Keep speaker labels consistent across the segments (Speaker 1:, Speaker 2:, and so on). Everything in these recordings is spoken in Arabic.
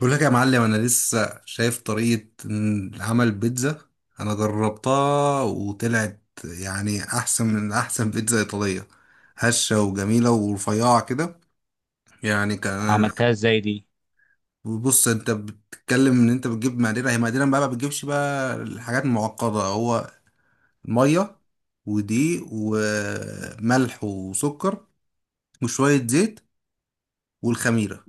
Speaker 1: بقول لك يا معلم انا لسه شايف طريقة عمل بيتزا. انا جربتها وطلعت يعني احسن من احسن بيتزا ايطالية، هشة وجميلة ورفيعة كده. يعني كان
Speaker 2: عملتها ازاي دي؟
Speaker 1: بص، انت بتتكلم ان انت بتجيب مقادير، هي مقادير بقى، ما بتجيبش بقى الحاجات المعقدة. هو مية ودقيق وملح وسكر وشوية زيت والخميرة.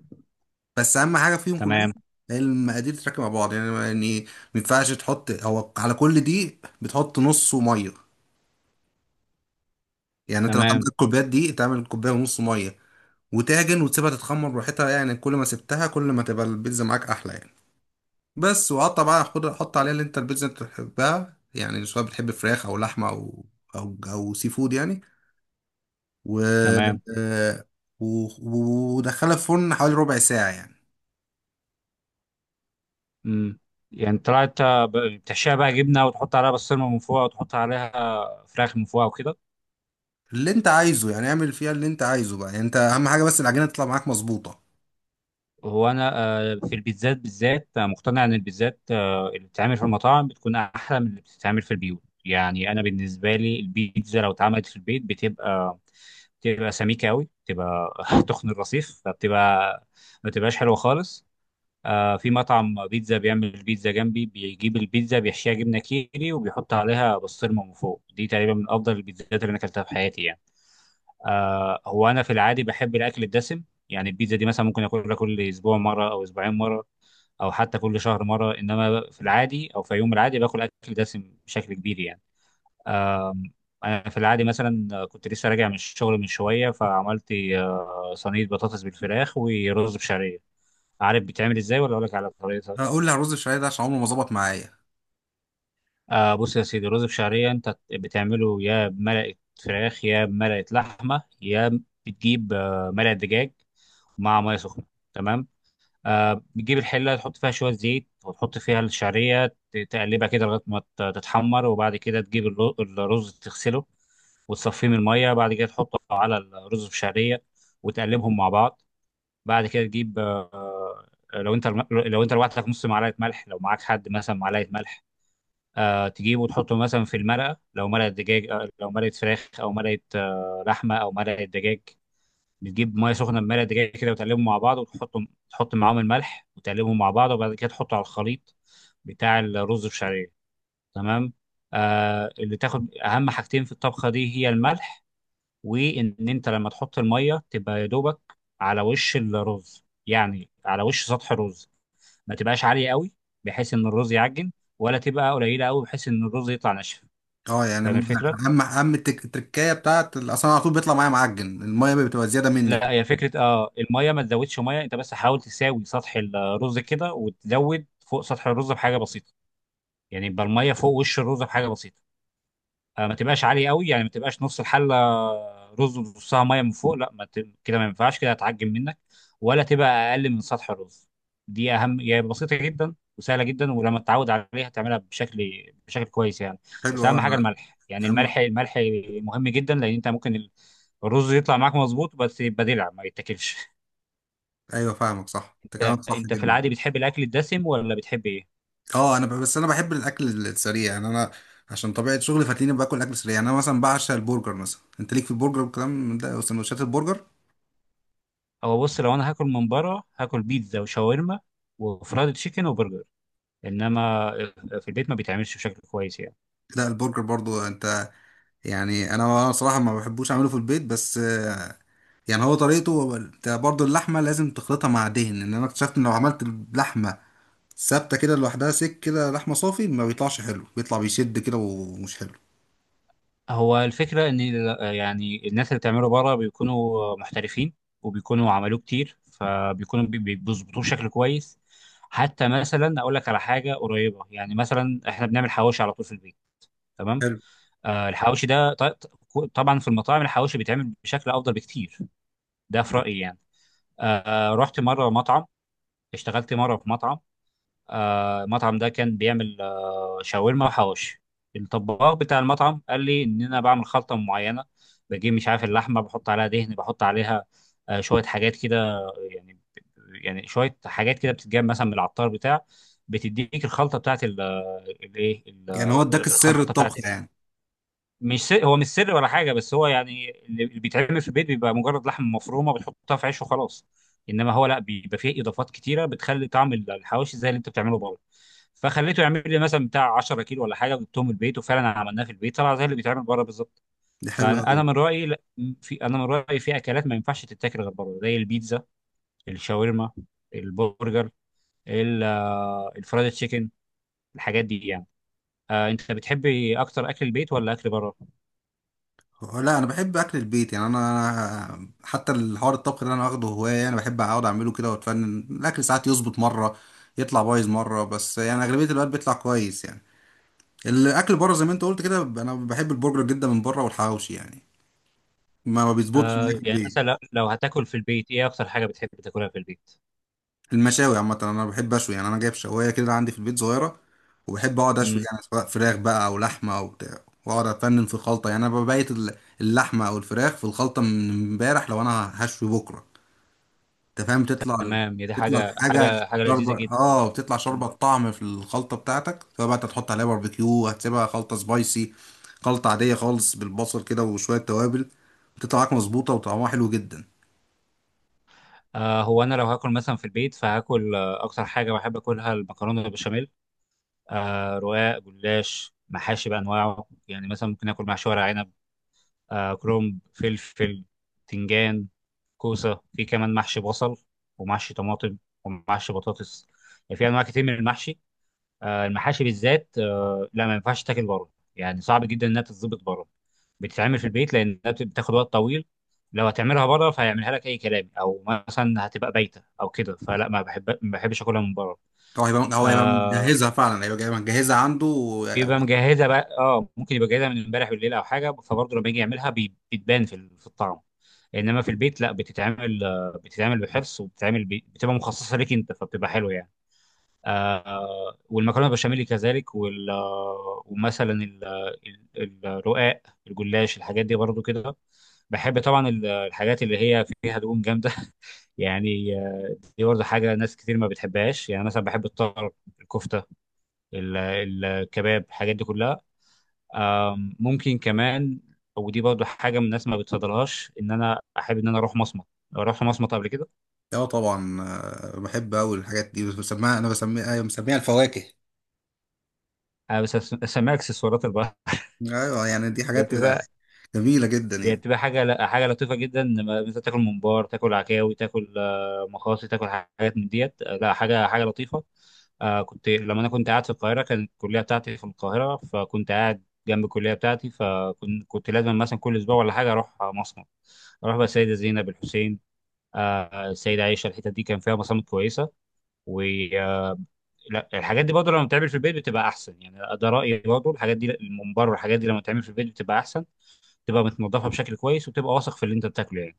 Speaker 1: بس اهم حاجه فيهم كلهم
Speaker 2: تمام.
Speaker 1: هي المقادير تتركب مع بعض. يعني ما ينفعش تحط، هو على كل دقيق بتحط نص ميه. يعني انت لو تعمل
Speaker 2: تمام.
Speaker 1: كوبايات دقيق تعمل كوبايه ونص ميه، وتعجن وتسيبها تتخمر براحتها. يعني كل ما سبتها كل ما تبقى البيتزا معاك احلى يعني. بس وقطع بقى، خد حط عليها اللي انت البيتزا انت بتحبها، يعني سواء بتحب فراخ او لحمه او او سي فود يعني. و
Speaker 2: تمام.
Speaker 1: آه، ودخلها في الفرن حوالي ربع ساعه يعني.
Speaker 2: امم. يعني طلعت، بتحشيها بقى جبنه وتحط عليها بسطرمه من فوق وتحط عليها فراخ من فوق وكده.
Speaker 1: اللي انت عايزه، يعني اعمل فيها اللي انت عايزه بقى. يعني انت اهم حاجه بس العجينه تطلع معاك مظبوطه.
Speaker 2: هو انا في البيتزات بالذات، مقتنع ان البيتزات اللي بتتعمل في المطاعم بتكون احلى من اللي بتتعمل في البيوت يعني. انا بالنسبه لي البيتزا لو اتعملت في البيت بتبقى سميكه قوي، بتبقى تخن الرصيف، فبتبقى ما بتبقاش حلوه خالص. آه، في مطعم بيتزا بيعمل بيتزا جنبي، بيجيب البيتزا بيحشيها جبنه كيري وبيحط عليها بسطرمه من فوق. دي تقريبا من افضل البيتزات اللي انا اكلتها في حياتي يعني. آه، هو انا في العادي بحب الاكل الدسم. يعني البيتزا دي مثلا ممكن اكلها كل اسبوع مره او اسبوعين مره او حتى كل شهر مره، انما في العادي او في يوم العادي باكل اكل دسم بشكل كبير يعني. آه، انا في العادي مثلا كنت لسه راجع من الشغل من شويه، فعملت صينيه بطاطس بالفراخ ورز بشعريه. عارف بتعمل ازاي ولا اقول لك على طريقتها؟
Speaker 1: هقول لي على الرز الشعريه ده عشان عمره ما ظبط معايا.
Speaker 2: آه، بص يا سيدي، رز بشعرية انت بتعمله يا بملقة فراخ يا بملقة لحمة. يا بتجيب ملقة دجاج مع مية سخنة. تمام. آه، بتجيب الحلة تحط فيها شوية زيت وتحط فيها الشعرية، تقلبها كده لغاية ما تتحمر. وبعد كده تجيب الرز تغسله وتصفيه من المية. بعد كده تحطه على الرز بشعرية وتقلبهم مع بعض. بعد كده تجيب لو انت لوحدك نص معلقة ملح، لو معاك حد مثلا معلقة ملح. تجيبه وتحطه مثلا في المرقة، لو مرقة دجاج، لو مرقة فراخ أو مرقة، لحمة أو مرقة دجاج. بتجيب مية سخنة بمرقة دجاج كده وتقلبهم مع بعض وتحطهم، تحط معاهم الملح وتقلبهم مع بعض. وبعد كده تحطه على الخليط بتاع الرز بالشعرية. تمام. آه، اللي تاخد أهم حاجتين في الطبخة دي هي الملح. وإن أنت لما تحط المية تبقى يا دوبك على وش الرز، يعني على وش سطح الرز، ما تبقاش عالية قوي بحيث إن الرز يعجن، ولا تبقى قليلة قوي بحيث إن الرز يطلع ناشف.
Speaker 1: اه يعني
Speaker 2: فاهم الفكره؟
Speaker 1: اهم التركايه بتاعت اصلا على طول بيطلع معايا معجن، الميه بتبقى زياده مني
Speaker 2: لا، هي
Speaker 1: كده.
Speaker 2: فكره، اه الميه ما تزودش، ميه انت بس حاول تساوي سطح الرز كده وتزود فوق سطح الرز بحاجه بسيطه. يعني يبقى الميه فوق وش الرز بحاجه بسيطه. ما تبقاش عاليه قوي، يعني ما تبقاش نص الحله رز ونصها ميه من فوق. لا، ما ت... كده ما ينفعش، كده هتعجن منك. ولا تبقى اقل من سطح الرز. دي اهم هي، يعني بسيطه جدا وسهله جدا، ولما تتعود عليها تعملها بشكل كويس يعني.
Speaker 1: حلو
Speaker 2: بس
Speaker 1: قوي
Speaker 2: اهم حاجه
Speaker 1: انا.
Speaker 2: الملح، يعني الملح
Speaker 1: اهم.
Speaker 2: الملح مهم جدا. لان انت ممكن الرز يطلع معاك مظبوط بس يبقى دلع ما يتاكلش
Speaker 1: ايوه فاهمك صح، انت
Speaker 2: انت
Speaker 1: كلامك صح
Speaker 2: انت في
Speaker 1: جدا.
Speaker 2: العادي بتحب الاكل الدسم ولا بتحب ايه؟
Speaker 1: اه انا بس انا بحب الاكل السريع يعني. انا عشان طبيعه شغلي فتلاقيني باكل اكل سريع. يعني انا مثلا بعشق البرجر مثلا، انت ليك في البرجر والكلام من ده وسندوتشات البرجر.
Speaker 2: هو بص، لو انا هاكل من بره هاكل بيتزا وشاورما وفرايد تشيكن وبرجر، انما في البيت ما بيتعملش بشكل كويس يعني.
Speaker 1: لا البرجر برضو انت، يعني انا صراحه ما بحبوش اعمله في البيت. بس يعني هو طريقته، هو انت برضه اللحمه لازم تخلطها مع دهن. ان انا اكتشفت ان لو عملت اللحمه ثابته كده لوحدها سك كده لحمه صافي ما بيطلعش حلو، بيطلع بيشد كده ومش حلو.
Speaker 2: هو الفكره ان يعني الناس اللي بتعمله بره بيكونوا محترفين، وبيكونوا عملوه كتير، فبيكونوا بيظبطوه بشكل كويس. حتى مثلا اقول لك على حاجه قريبه، يعني مثلا احنا بنعمل حواوشي على طول في البيت. تمام.
Speaker 1: حلو.
Speaker 2: آه، الحواوشي ده طبعا في المطاعم الحواوشي بيتعمل بشكل افضل بكتير. ده في رايي يعني. رحت مره مطعم، اشتغلت مره في مطعم. آه، المطعم ده كان بيعمل شاورما وحواوشي. الطباخ بتاع المطعم قال لي ان انا بعمل خلطه معينه، بجيب مش عارف اللحمه، بحط عليها دهن، بحط عليها شويه حاجات كده يعني. يعني شويه حاجات كده بتتجاب مثلا من العطار بتاع، بتديك الخلطه بتاعت الايه،
Speaker 1: يعني هو اداك السر
Speaker 2: الخلطه بتاعت.
Speaker 1: الطبخ يعني.
Speaker 2: مش سر، هو مش سر ولا حاجه، بس هو يعني اللي بيتعمل في البيت بيبقى مجرد لحمه مفرومه بتحطها في عيش وخلاص. انما هو لا، بيبقى فيه اضافات كتيره بتخلي طعم الحواوشي زي اللي انت بتعمله بره. فخليته يعمل لي مثلا بتاع 10 كيلو ولا حاجه، وجبتهم البيت وفعلا عملناه في البيت طلع زي اللي بيتعمل بره بالظبط.
Speaker 1: دي حلو
Speaker 2: فانا
Speaker 1: قوي.
Speaker 2: أنا من رايي، انا من رايي في اكلات ما ينفعش تتاكل غير بره، زي البيتزا، الشاورما، البرجر، الفرايد تشيكن، الحاجات دي يعني. آه، انت بتحبي اكتر اكل البيت ولا اكل بره؟
Speaker 1: لا انا بحب اكل البيت، يعني انا، أنا حتى الحوار الطبخ اللي انا واخده هوايه، يعني بحب اقعد اعمله كده واتفنن. الاكل ساعات يظبط مره يطلع بايظ مره، بس يعني اغلبيه الوقت بيطلع كويس. يعني الاكل بره زي ما انت قلت كده، انا بحب البرجر جدا من بره والحواوشي. يعني ما بيظبطش معايا
Speaker 2: آه،
Speaker 1: في
Speaker 2: يعني
Speaker 1: البيت.
Speaker 2: مثلا لو هتاكل في البيت، ايه اكتر حاجه بتحب تاكلها في البيت؟
Speaker 1: المشاوي عامه انا بحب اشوي. يعني انا جايب شوايه كده عندي في البيت صغيره، وبحب اقعد اشوي
Speaker 2: امم.
Speaker 1: يعني، سواء فراخ بقى او لحمه او بتاع. واقعد افنن في الخلطه يعني، انا ببيت اللحمه او الفراخ في الخلطه من امبارح لو انا هشوي بكره. انت فاهم؟ تطلع،
Speaker 2: تمام. هي دي
Speaker 1: تطلع
Speaker 2: حاجه،
Speaker 1: الحاجه
Speaker 2: حاجه
Speaker 1: شوربه.
Speaker 2: لذيذه جدا.
Speaker 1: اه بتطلع شوربه الطعم في الخلطه بتاعتك. فبقى انت تحط عليها باربيكيو، هتسيبها خلطه سبايسي، خلطه عاديه خالص بالبصل كده وشويه توابل، بتطلع معاك مظبوطه وطعمها حلو جدا.
Speaker 2: آه، هو انا لو هاكل مثلا في البيت فهاكل اكتر حاجه بحب اكلها المكرونه بالبشاميل. آه، رقاق، جلاش، محاشي بانواعه. يعني مثلا ممكن اكل محشي ورق عنب، آه، كرنب، فلفل، تنجان، كوسه، في كمان محشي بصل ومحشي طماطم ومحشي بطاطس. يعني في انواع كتير من المحشي. المحاشي بالذات لا ما ينفعش تاكل بره. يعني صعب جدا انها تتظبط بره. بتتعمل في البيت لانها بتاخد وقت طويل. لو هتعملها بره فهيعملها لك اي كلام، او مثلا هتبقى بايته او كده. فلا، ما بحب، ما بحبش اكلها من بره.
Speaker 1: هو هيبقى
Speaker 2: آه،
Speaker 1: مجهزها فعلا، مجهزها عنده و-.
Speaker 2: بيبقى مجهزه بقى، اه ممكن يبقى جاهزه من امبارح بالليل او حاجه، فبرضه لما يجي يعملها بتبان في في الطعم. انما في البيت لا، بتتعمل، بتتعمل بحرص وبتتعمل بتبقى مخصصه ليك انت، فبتبقى حلوه يعني. آه، والمكرونه بشاميل كذلك، وال آه، ومثلا ال- الرقاق، الجلاش، الحاجات دي برضو كده. بحب طبعا الحاجات اللي هي فيها دهون جامده يعني دي برضو حاجه ناس كتير ما بتحبهاش. يعني مثلا بحب الطرب، الكفته، ال- الكباب، الحاجات دي كلها. ممكن كمان، ودي برضو حاجه من الناس ما بتفضلهاش، ان انا احب ان انا اروح مصمت. لو رحت مصمت قبل كده.
Speaker 1: اه طبعا. بحب قوي الحاجات دي. بسميها انا بسميها أيوة، مسميها الفواكه.
Speaker 2: بس اسميها اكسسوارات
Speaker 1: ايوه يعني دي حاجات
Speaker 2: البحر.
Speaker 1: جميله جدا
Speaker 2: هي
Speaker 1: يعني.
Speaker 2: بتبقى حاجة، لا حاجة لطيفة جدا، لما مثلا تاكل ممبار، تاكل عكاوي، تاكل مخاصي، تاكل حاجات من ديت، لا حاجة، حاجة لطيفة. آه، كنت لما أنا كنت قاعد في القاهرة، كانت الكلية بتاعتي في القاهرة، فكنت قاعد جنب الكلية بتاعتي، فكنت لازم مثلا كل أسبوع ولا حاجة أروح مصمت. أروح بقى السيدة زينب، الحسين، آه، السيدة عائشة. الحتت دي كان فيها مصامت كويسة. و آه، لا الحاجات دي برضه لما بتتعمل في البيت بتبقى أحسن. يعني ده رأيي، برضه الحاجات دي، الممبار والحاجات دي لما بتتعمل في البيت بتبقى أحسن. تبقى متنضفه بشكل كويس وتبقى واثق في اللي انت بتاكله يعني.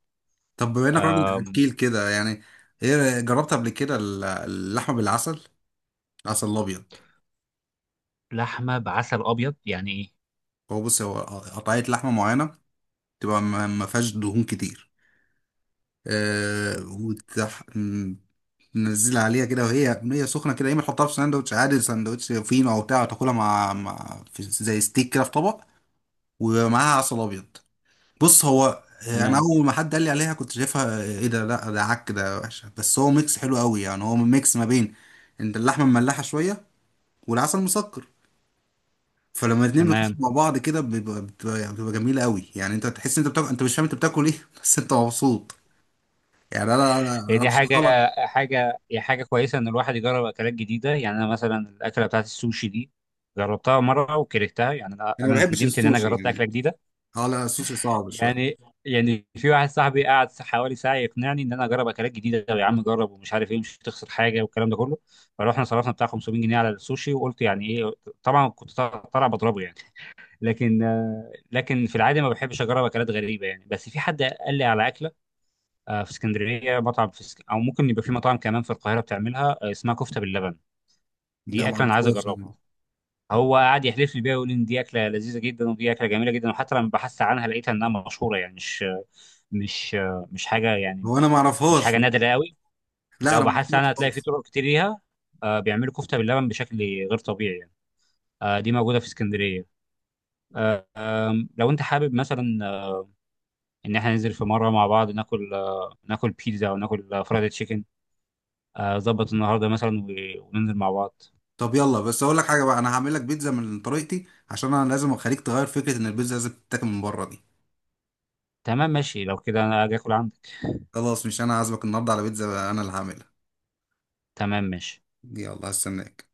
Speaker 1: طب بما انك
Speaker 2: آه،
Speaker 1: راجل اكيل كده، يعني ايه جربت قبل كده اللحمه بالعسل؟ عسل ابيض.
Speaker 2: لحمه بعسل ابيض يعني ايه؟
Speaker 1: هو بص، هو قطعيه لحمه معينه، تبقى ما فيهاش دهون كتير. آه وتح... م- ننزل عليها كده وهي هي سخنه كده، يا اما تحطها في ساندوتش عادي، ساندوتش فينو او بتاع، تاكلها مع في زي ستيك كده في طبق، ومعاها عسل ابيض. بص هو، انا
Speaker 2: تمام.
Speaker 1: اول ما حد قال لي عليها كنت شايفها ايه ده، لا ده عك ده وحشه. بس هو ميكس حلو قوي. يعني هو ميكس ما بين انت اللحمه مملحه شويه، والعسل مسكر، فلما الاتنين بيخشوا
Speaker 2: تمام.
Speaker 1: مع بعض كده بتبقى يعني بتبقى جميله قوي. يعني انت تحس ان انت بتاكل، انت مش فاهم انت بتاكل ايه بس انت مبسوط. يعني انا انا
Speaker 2: هي
Speaker 1: انا
Speaker 2: دي
Speaker 1: مش،
Speaker 2: حاجه،
Speaker 1: خلاص.
Speaker 2: حاجه، هي حاجه كويسه ان الواحد يجرب اكلات جديده. يعني انا مثلا الاكله بتاعت السوشي دي جربتها مره وكرهتها. يعني انا
Speaker 1: انا ما
Speaker 2: أنا
Speaker 1: بحبش
Speaker 2: ندمت ان انا
Speaker 1: السوشي
Speaker 2: جربت
Speaker 1: يعني.
Speaker 2: اكله جديده
Speaker 1: اه لا السوشي صعب شويه.
Speaker 2: يعني. يعني في واحد صاحبي قعد حوالي ساعه يقنعني ان انا اجرب اكلات جديده، يا عم جرب ومش عارف ايه، مش هتخسر حاجه، والكلام ده كله. فروحنا صرفنا بتاع 500 جنيه على السوشي، وقلت يعني ايه، طبعا كنت طالع بضربه يعني. لكن، لكن في العادة ما بحبش أجرب أكلات غريبة يعني. بس في حد قال لي على أكلة في اسكندرية، مطعم في اسك... أو ممكن يبقى في مطاعم كمان في القاهرة بتعملها، اسمها كفتة باللبن.
Speaker 1: ده
Speaker 2: دي
Speaker 1: ما
Speaker 2: أكلة أنا عايز
Speaker 1: اعرفهاش يعني.
Speaker 2: أجربها. هو قعد يحلف لي بيها ويقول لي إن دي أكلة لذيذة جدا ودي أكلة جميلة جدا. وحتى لما بحثت عنها لقيتها إنها مشهورة يعني، مش، مش مش حاجة يعني،
Speaker 1: هو انا ما
Speaker 2: مش حاجة
Speaker 1: اعرفهاش.
Speaker 2: نادرة قوي.
Speaker 1: لا
Speaker 2: لو
Speaker 1: انا ما
Speaker 2: بحثت عنها
Speaker 1: اعرفهاش
Speaker 2: هتلاقي في
Speaker 1: خالص.
Speaker 2: طرق كتير ليها. بيعملوا كفتة باللبن بشكل غير طبيعي يعني. دي موجودة في اسكندرية. آه، لو انت حابب مثلا ان احنا ننزل في مره مع بعض، ناكل ناكل بيتزا، او ناكل فرايد تشيكن. ظبط النهارده مثلا وننزل مع بعض.
Speaker 1: طب يلا، بس اقول لك حاجه بقى، انا هعمل لك بيتزا من طريقتي، عشان انا لازم اخليك تغير فكره ان البيتزا لازم تتاكل من بره دي.
Speaker 2: تمام، ماشي. لو كده انا اجي اكل عندك.
Speaker 1: خلاص، مش انا عازمك النهارده على بيتزا انا اللي هعملها.
Speaker 2: تمام، ماشي.
Speaker 1: يلا هستناك.